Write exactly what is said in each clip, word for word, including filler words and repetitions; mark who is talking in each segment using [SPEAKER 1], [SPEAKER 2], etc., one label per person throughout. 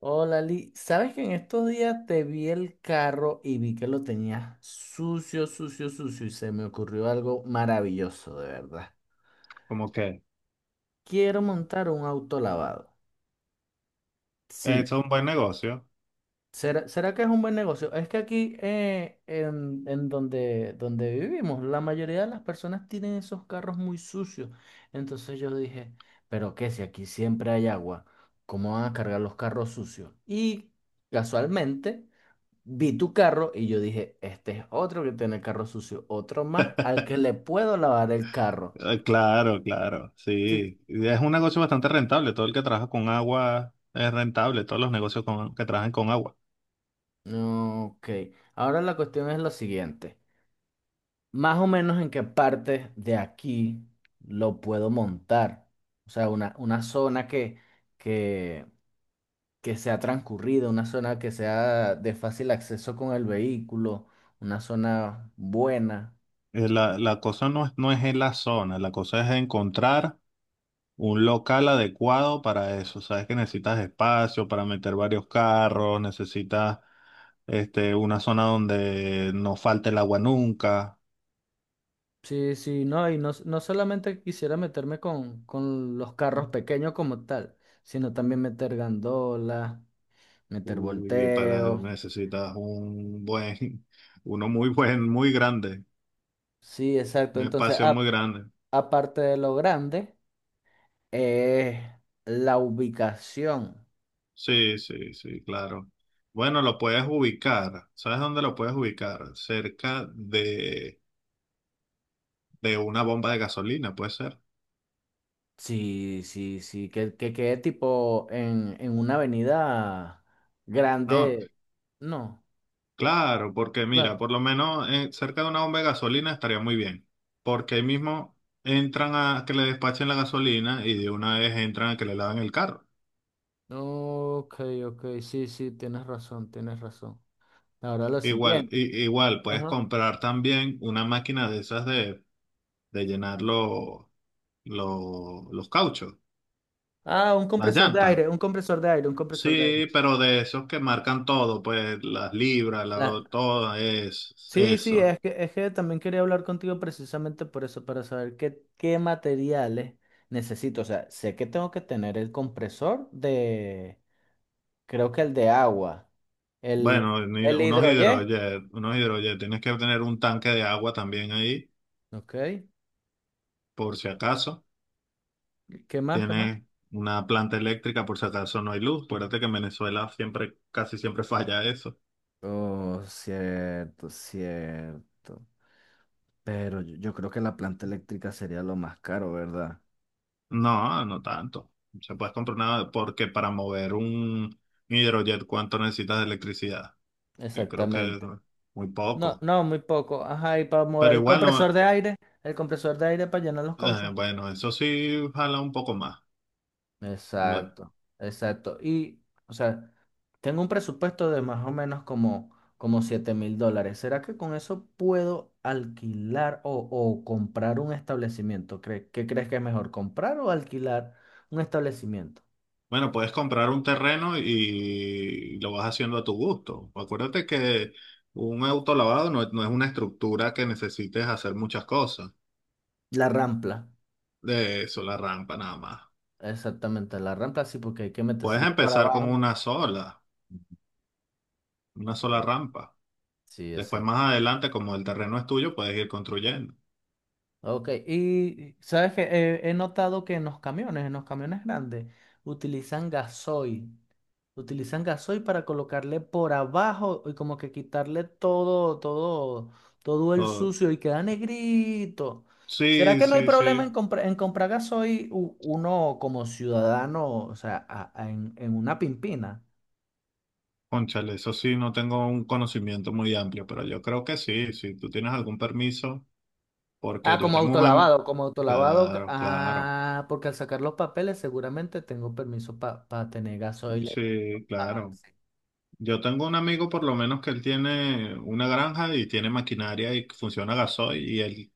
[SPEAKER 1] Hola, Lee. ¿Sabes que en estos días te vi el carro y vi que lo tenías sucio, sucio, sucio y se me ocurrió algo maravilloso, de verdad?
[SPEAKER 2] Como que
[SPEAKER 1] Quiero montar un auto lavado. Sí.
[SPEAKER 2] eso es un buen negocio.
[SPEAKER 1] ¿Será, será que es un buen negocio? Es que aquí eh, en, en donde, donde vivimos, la mayoría de las personas tienen esos carros muy sucios. Entonces yo dije, ¿pero qué? Si aquí siempre hay agua, ¿cómo van a cargar los carros sucios? Y casualmente vi tu carro y yo dije, este es otro que tiene el carro sucio, otro más al que le puedo lavar el carro.
[SPEAKER 2] Eh, claro, claro,
[SPEAKER 1] Sí.
[SPEAKER 2] sí. Y Es un negocio bastante rentable. Todo el que trabaja con agua es rentable. Todos los negocios con- que trabajan con agua.
[SPEAKER 1] Ok, ahora la cuestión es lo siguiente. Más o menos en qué parte de aquí lo puedo montar. O sea, una, una zona que, que, que sea transcurrida, una zona que sea de fácil acceso con el vehículo, una zona buena.
[SPEAKER 2] Eh, La, la cosa no es, no es en la zona. La cosa es encontrar un local adecuado para eso. Sabes que necesitas espacio para meter varios carros. Necesitas este, una zona donde no falte el agua nunca.
[SPEAKER 1] Sí, sí, no, y no, no solamente quisiera meterme con, con los carros pequeños como tal, sino también meter gandolas, meter
[SPEAKER 2] Uy, para,
[SPEAKER 1] volteos.
[SPEAKER 2] necesitas un buen, uno muy buen, muy grande.
[SPEAKER 1] Sí, exacto.
[SPEAKER 2] Un
[SPEAKER 1] Entonces,
[SPEAKER 2] espacio
[SPEAKER 1] a-
[SPEAKER 2] muy grande.
[SPEAKER 1] aparte de lo grande, es la ubicación.
[SPEAKER 2] Sí, sí, sí, claro. Bueno, lo puedes ubicar. ¿Sabes dónde lo puedes ubicar? Cerca de, de una bomba de gasolina, puede ser.
[SPEAKER 1] Sí, sí, sí, que, que quede tipo en, en una avenida
[SPEAKER 2] No,
[SPEAKER 1] grande. No,
[SPEAKER 2] claro, porque
[SPEAKER 1] la-
[SPEAKER 2] mira, por lo menos eh, cerca de una bomba de gasolina estaría muy bien. Porque ahí mismo entran a que le despachen la gasolina y de una vez entran a que le lavan el carro.
[SPEAKER 1] Ok, ok, sí, sí, tienes razón, tienes razón. Ahora lo
[SPEAKER 2] Igual,
[SPEAKER 1] siguiente.
[SPEAKER 2] i- igual, puedes
[SPEAKER 1] Ajá.
[SPEAKER 2] comprar también una máquina de esas de, de llenar los los los cauchos,
[SPEAKER 1] Ah, un
[SPEAKER 2] las
[SPEAKER 1] compresor de
[SPEAKER 2] llantas.
[SPEAKER 1] aire, un compresor de aire, un compresor de aire.
[SPEAKER 2] Sí, pero de esos que marcan todo, pues las libras, la,
[SPEAKER 1] La...
[SPEAKER 2] todo es
[SPEAKER 1] Sí, sí,
[SPEAKER 2] eso.
[SPEAKER 1] es que, es que también quería hablar contigo precisamente por eso, para saber qué, qué materiales necesito. O sea, sé que tengo que tener el compresor de, creo que el de agua, el,
[SPEAKER 2] Bueno, ni-
[SPEAKER 1] el
[SPEAKER 2] unos
[SPEAKER 1] hidroyé.
[SPEAKER 2] hidrojet, unos hidrojet, tienes que tener un tanque de agua también ahí,
[SPEAKER 1] Ok,
[SPEAKER 2] por si acaso.
[SPEAKER 1] ¿qué más, qué más?
[SPEAKER 2] Tienes una planta eléctrica por si acaso no hay luz. Acuérdate que en Venezuela siempre, casi siempre falla eso.
[SPEAKER 1] Oh, cierto, cierto. Pero yo, yo creo que la planta eléctrica sería lo más caro, ¿verdad?
[SPEAKER 2] No, no tanto. Se puedes comprar nada porque para mover un hidrojet, ¿cuánto necesitas de electricidad? Yo creo que es
[SPEAKER 1] Exactamente.
[SPEAKER 2] muy
[SPEAKER 1] No,
[SPEAKER 2] poco.
[SPEAKER 1] no, muy poco. Ajá, y para
[SPEAKER 2] Pero
[SPEAKER 1] mover el
[SPEAKER 2] igual
[SPEAKER 1] compresor
[SPEAKER 2] no.
[SPEAKER 1] de aire, el compresor de aire para llenar los
[SPEAKER 2] Eh,
[SPEAKER 1] cauchos.
[SPEAKER 2] bueno, eso sí jala un poco más. Bu-
[SPEAKER 1] Exacto, exacto. Y, o sea, tengo un presupuesto de más o menos como, como siete mil dólares. ¿Será que con eso puedo alquilar o, o comprar un establecimiento? ¿Cre- ¿Qué crees que es mejor, comprar o alquilar un establecimiento?
[SPEAKER 2] Bueno, puedes comprar un terreno y lo vas haciendo a tu gusto. Acuérdate que un autolavado no, no es una estructura que necesites hacer muchas cosas.
[SPEAKER 1] La rampla,
[SPEAKER 2] De eso, la rampa nada más.
[SPEAKER 1] exactamente, la rampla sí, porque hay que
[SPEAKER 2] Puedes
[SPEAKER 1] meterse por
[SPEAKER 2] empezar con
[SPEAKER 1] abajo.
[SPEAKER 2] una sola, una sola
[SPEAKER 1] Sí,
[SPEAKER 2] rampa.
[SPEAKER 1] sí,
[SPEAKER 2] Después,
[SPEAKER 1] exacto.
[SPEAKER 2] más adelante, como el terreno es tuyo, puedes ir construyendo.
[SPEAKER 1] Ok, y sabes que he notado que en los camiones, en los camiones grandes, utilizan gasoil. Utilizan gasoil para colocarle por abajo y como que quitarle todo, todo, todo el
[SPEAKER 2] Oh,
[SPEAKER 1] sucio y queda negrito. ¿Será
[SPEAKER 2] sí,
[SPEAKER 1] que no hay
[SPEAKER 2] sí,
[SPEAKER 1] problema en,
[SPEAKER 2] sí.
[SPEAKER 1] compra- en comprar gasoil u- uno como ciudadano, o sea, a- a- en, en una pimpina?
[SPEAKER 2] Cónchale, eso sí, no tengo un conocimiento muy amplio, pero yo creo que sí. Si tú tienes algún permiso. Porque
[SPEAKER 1] Ah,
[SPEAKER 2] yo
[SPEAKER 1] como
[SPEAKER 2] tengo un amigo,
[SPEAKER 1] autolavado, como autolavado. que-
[SPEAKER 2] claro, claro,
[SPEAKER 1] Ah, porque al sacar los papeles seguramente tengo permiso para tener gasoil.
[SPEAKER 2] sí,
[SPEAKER 1] Ah,
[SPEAKER 2] claro.
[SPEAKER 1] sí.
[SPEAKER 2] Yo tengo un amigo por lo menos que él tiene una granja y tiene maquinaria y funciona gasoil y él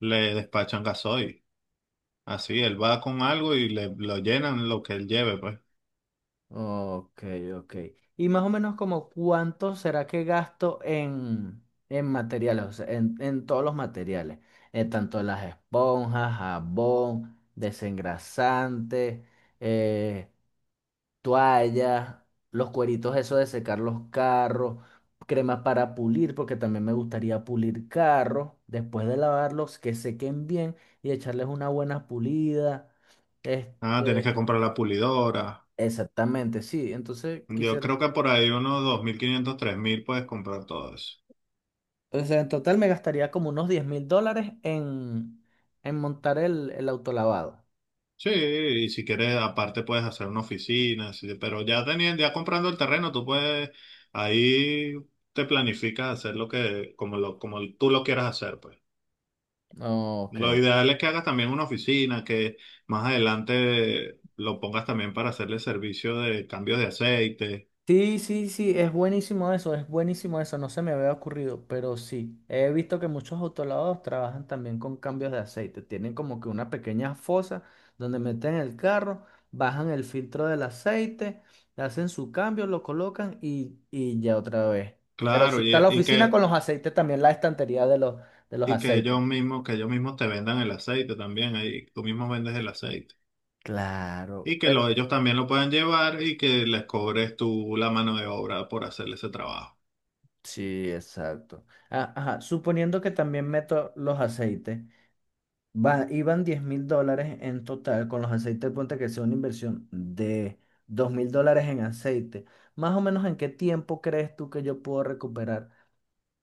[SPEAKER 2] le despachan gasoil. Así, él va con algo y le lo llenan lo que él lleve, pues.
[SPEAKER 1] Ok, ok. Y más o menos como cuánto será que gasto en, en materiales, o sea, en, en todos los materiales, en tanto las esponjas, jabón, desengrasante, eh, toallas, los cueritos esos de secar los carros, cremas para pulir, porque también me gustaría pulir carros, después de lavarlos, que sequen bien y echarles una buena pulida.
[SPEAKER 2] Ah, tienes
[SPEAKER 1] Este,
[SPEAKER 2] que comprar la pulidora.
[SPEAKER 1] Exactamente, sí. Entonces
[SPEAKER 2] Yo
[SPEAKER 1] quisiera,
[SPEAKER 2] creo que por ahí unos dos mil quinientos tres mil puedes comprar todo eso.
[SPEAKER 1] o sea, en total me gastaría como unos diez mil dólares en, en montar el, el autolavado.
[SPEAKER 2] Sí, y si quieres, aparte puedes hacer una oficina, sí, pero ya teniendo, ya comprando el terreno, tú puedes, ahí te planificas hacer lo que, como lo, como tú lo quieras hacer, pues.
[SPEAKER 1] Ok,
[SPEAKER 2] Lo ideal es que hagas también una oficina, que más adelante lo pongas también para hacerle servicio de cambios de aceite.
[SPEAKER 1] sí, sí, sí, es buenísimo eso, es buenísimo eso, no se me había ocurrido, pero sí, he visto que muchos autolavados trabajan también con cambios de aceite, tienen como que una pequeña fosa donde meten el carro, bajan el filtro del aceite, hacen su cambio, lo colocan y, y ya otra vez. Pero sí
[SPEAKER 2] Claro,
[SPEAKER 1] está
[SPEAKER 2] y,
[SPEAKER 1] la
[SPEAKER 2] y
[SPEAKER 1] oficina
[SPEAKER 2] que,
[SPEAKER 1] con los aceites, también la estantería de los, de los,
[SPEAKER 2] y que
[SPEAKER 1] aceites.
[SPEAKER 2] ellos mismos, que ellos mismos te vendan el aceite también, ahí tú mismo vendes el aceite.
[SPEAKER 1] Claro,
[SPEAKER 2] Y que
[SPEAKER 1] pero
[SPEAKER 2] lo- ellos también lo puedan llevar y que les cobres tú la mano de obra por hacerle ese trabajo.
[SPEAKER 1] sí, exacto. Ah, ajá, suponiendo que también meto los aceites, Va, iban diez mil dólares en total con los aceites, ponte que sea una inversión de dos mil dólares en aceite. Más o menos, ¿en qué tiempo crees tú que yo puedo recuperar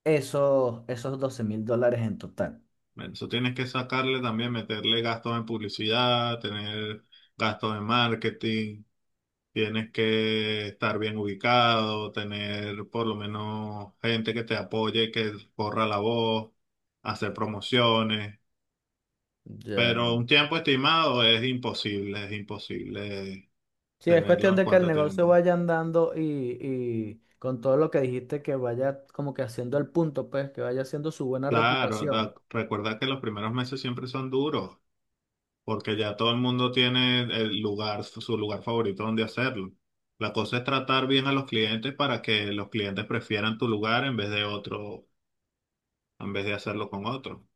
[SPEAKER 1] esos, esos doce mil dólares en total?
[SPEAKER 2] Men, eso tienes que sacarle también, meterle gastos en publicidad, tener gastos en marketing, tienes que estar bien ubicado, tener por lo menos gente que te apoye, que corra la voz, hacer promociones.
[SPEAKER 1] Ya.
[SPEAKER 2] Pero un tiempo estimado es imposible, es imposible
[SPEAKER 1] Sí, es
[SPEAKER 2] tenerlo
[SPEAKER 1] cuestión
[SPEAKER 2] en
[SPEAKER 1] de que el
[SPEAKER 2] cuánto
[SPEAKER 1] negocio
[SPEAKER 2] tiempo.
[SPEAKER 1] vaya andando y, y con todo lo que dijiste, que vaya como que haciendo el punto, pues, que vaya haciendo su buena
[SPEAKER 2] Claro,
[SPEAKER 1] reputación.
[SPEAKER 2] da- recuerda que los primeros meses siempre son duros, porque ya todo el mundo tiene el lugar, su lugar favorito donde hacerlo. La cosa es tratar bien a los clientes para que los clientes prefieran tu lugar en vez de otro, en vez de hacerlo con otro.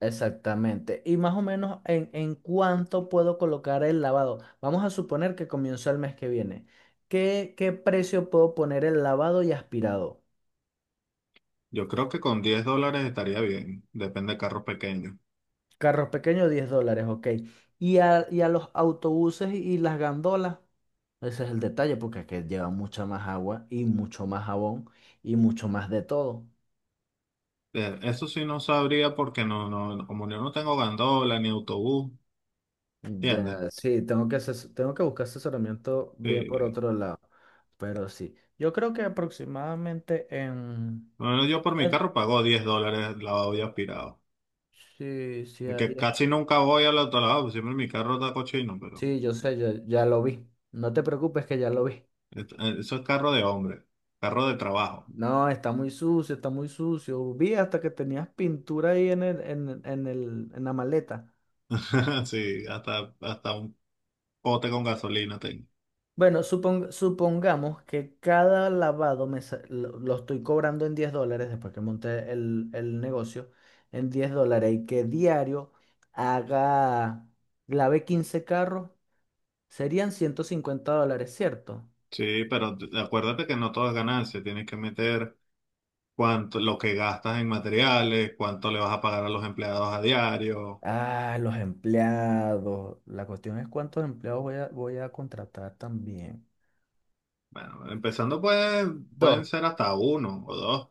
[SPEAKER 1] Exactamente. Y más o menos en, en cuánto puedo colocar el lavado. Vamos a suponer que comienzo el mes que viene. ¿Qué, qué precio puedo poner el lavado y aspirado?
[SPEAKER 2] Yo creo que con diez dólares estaría bien, depende de carros pequeños.
[SPEAKER 1] Carros pequeños, diez dólares, ok. Y a, y a los autobuses y y las gandolas. Ese es el detalle, porque es que lleva mucha más agua y mucho más jabón y mucho más de todo.
[SPEAKER 2] Eh, Eso sí no sabría porque no, no, no- como yo no tengo gandola ni autobús, ¿entiendes?
[SPEAKER 1] Ya, sí, tengo que, ases- tengo que buscar asesoramiento bien por
[SPEAKER 2] Sí.
[SPEAKER 1] otro lado. Pero sí, yo creo que aproximadamente en.
[SPEAKER 2] Bueno, yo por mi carro pago diez dólares lavado y aspirado.
[SPEAKER 1] Sí, sí, a
[SPEAKER 2] Que
[SPEAKER 1] diez.
[SPEAKER 2] casi nunca voy al autolavado, siempre mi carro está cochino, pero.
[SPEAKER 1] Sí, yo sé, ya, ya lo vi. No te preocupes que ya lo vi.
[SPEAKER 2] Et- eh, Eso es carro de hombre, carro de trabajo.
[SPEAKER 1] No, está muy sucio, está muy sucio. Vi hasta que tenías pintura ahí en el, en, en el, en la maleta.
[SPEAKER 2] Sí, hasta, hasta un pote con gasolina tengo.
[SPEAKER 1] Bueno, supong- supongamos que cada lavado me sa- lo, lo estoy cobrando en diez dólares después que monté el, el negocio en diez dólares y que diario haga, lave quince carros, serían ciento cincuenta dólares, ¿cierto?
[SPEAKER 2] Sí, pero t- acuérdate que no todo es ganancia, tienes que meter cuánto, lo que gastas en materiales, cuánto le vas a pagar a los empleados a diario.
[SPEAKER 1] Ah, los empleados. La cuestión es cuántos empleados voy a, voy a contratar también.
[SPEAKER 2] Bueno, empezando pues
[SPEAKER 1] Dos.
[SPEAKER 2] pueden ser hasta uno o dos.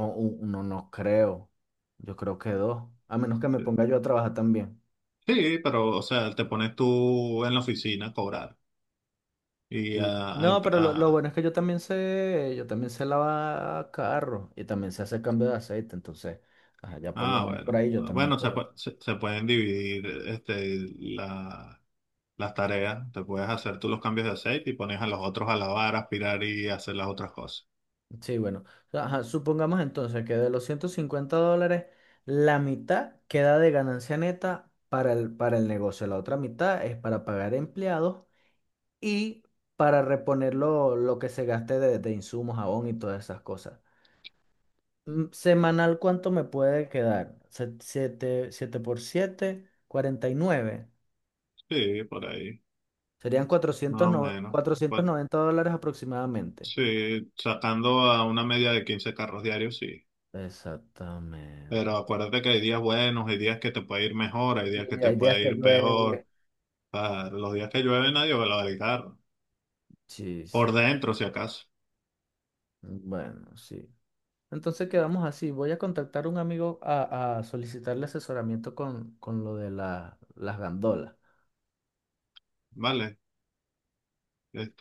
[SPEAKER 1] O u- uno no creo. Yo creo que dos. A menos que me ponga yo a trabajar también.
[SPEAKER 2] Sí, pero o sea, te pones tú en la oficina a cobrar y
[SPEAKER 1] Sí.
[SPEAKER 2] a, a
[SPEAKER 1] No,
[SPEAKER 2] imp-
[SPEAKER 1] pero lo, lo
[SPEAKER 2] a-
[SPEAKER 1] bueno es que yo también sé, yo también sé lavar carro y también sé hacer cambio de aceite. Entonces, ajá, ya por lo
[SPEAKER 2] ah,
[SPEAKER 1] menos por
[SPEAKER 2] bueno,
[SPEAKER 1] ahí yo también
[SPEAKER 2] bueno, se,
[SPEAKER 1] puedo.
[SPEAKER 2] pu- se, se pueden dividir este la las tareas, te puedes hacer tú los cambios de aceite y pones a los otros a lavar, aspirar y hacer las otras cosas.
[SPEAKER 1] Sí, bueno. Ajá, supongamos entonces que de los ciento cincuenta dólares, la mitad queda de ganancia neta para el, para el, negocio. La otra mitad es para pagar empleados y para reponer lo, lo que se gaste de, de insumos, jabón y todas esas cosas. Mm, Semanal, ¿cuánto me puede quedar? Siete por siete cuarenta y nueve.
[SPEAKER 2] Sí, por ahí,
[SPEAKER 1] Serían
[SPEAKER 2] más
[SPEAKER 1] cuatrocientos
[SPEAKER 2] o
[SPEAKER 1] noventa
[SPEAKER 2] menos.
[SPEAKER 1] cuatrocientos
[SPEAKER 2] Pues,
[SPEAKER 1] noventa dólares aproximadamente.
[SPEAKER 2] sí, sacando a una media de quince carros diarios, sí.
[SPEAKER 1] Exactamente.
[SPEAKER 2] Pero acuérdate que hay días buenos, hay días que te puede ir mejor, hay
[SPEAKER 1] Sí,
[SPEAKER 2] días que te
[SPEAKER 1] hay días
[SPEAKER 2] puede
[SPEAKER 1] que
[SPEAKER 2] ir
[SPEAKER 1] llueve.
[SPEAKER 2] peor. Ah, los días que llueve nadie va a lavar el carro.
[SPEAKER 1] Sí,
[SPEAKER 2] Por
[SPEAKER 1] sí.
[SPEAKER 2] dentro, si acaso,
[SPEAKER 1] Bueno, sí. Entonces quedamos así. Voy a contactar a un amigo a, a solicitarle asesoramiento con, con lo de la- las gandolas.
[SPEAKER 2] ¿vale?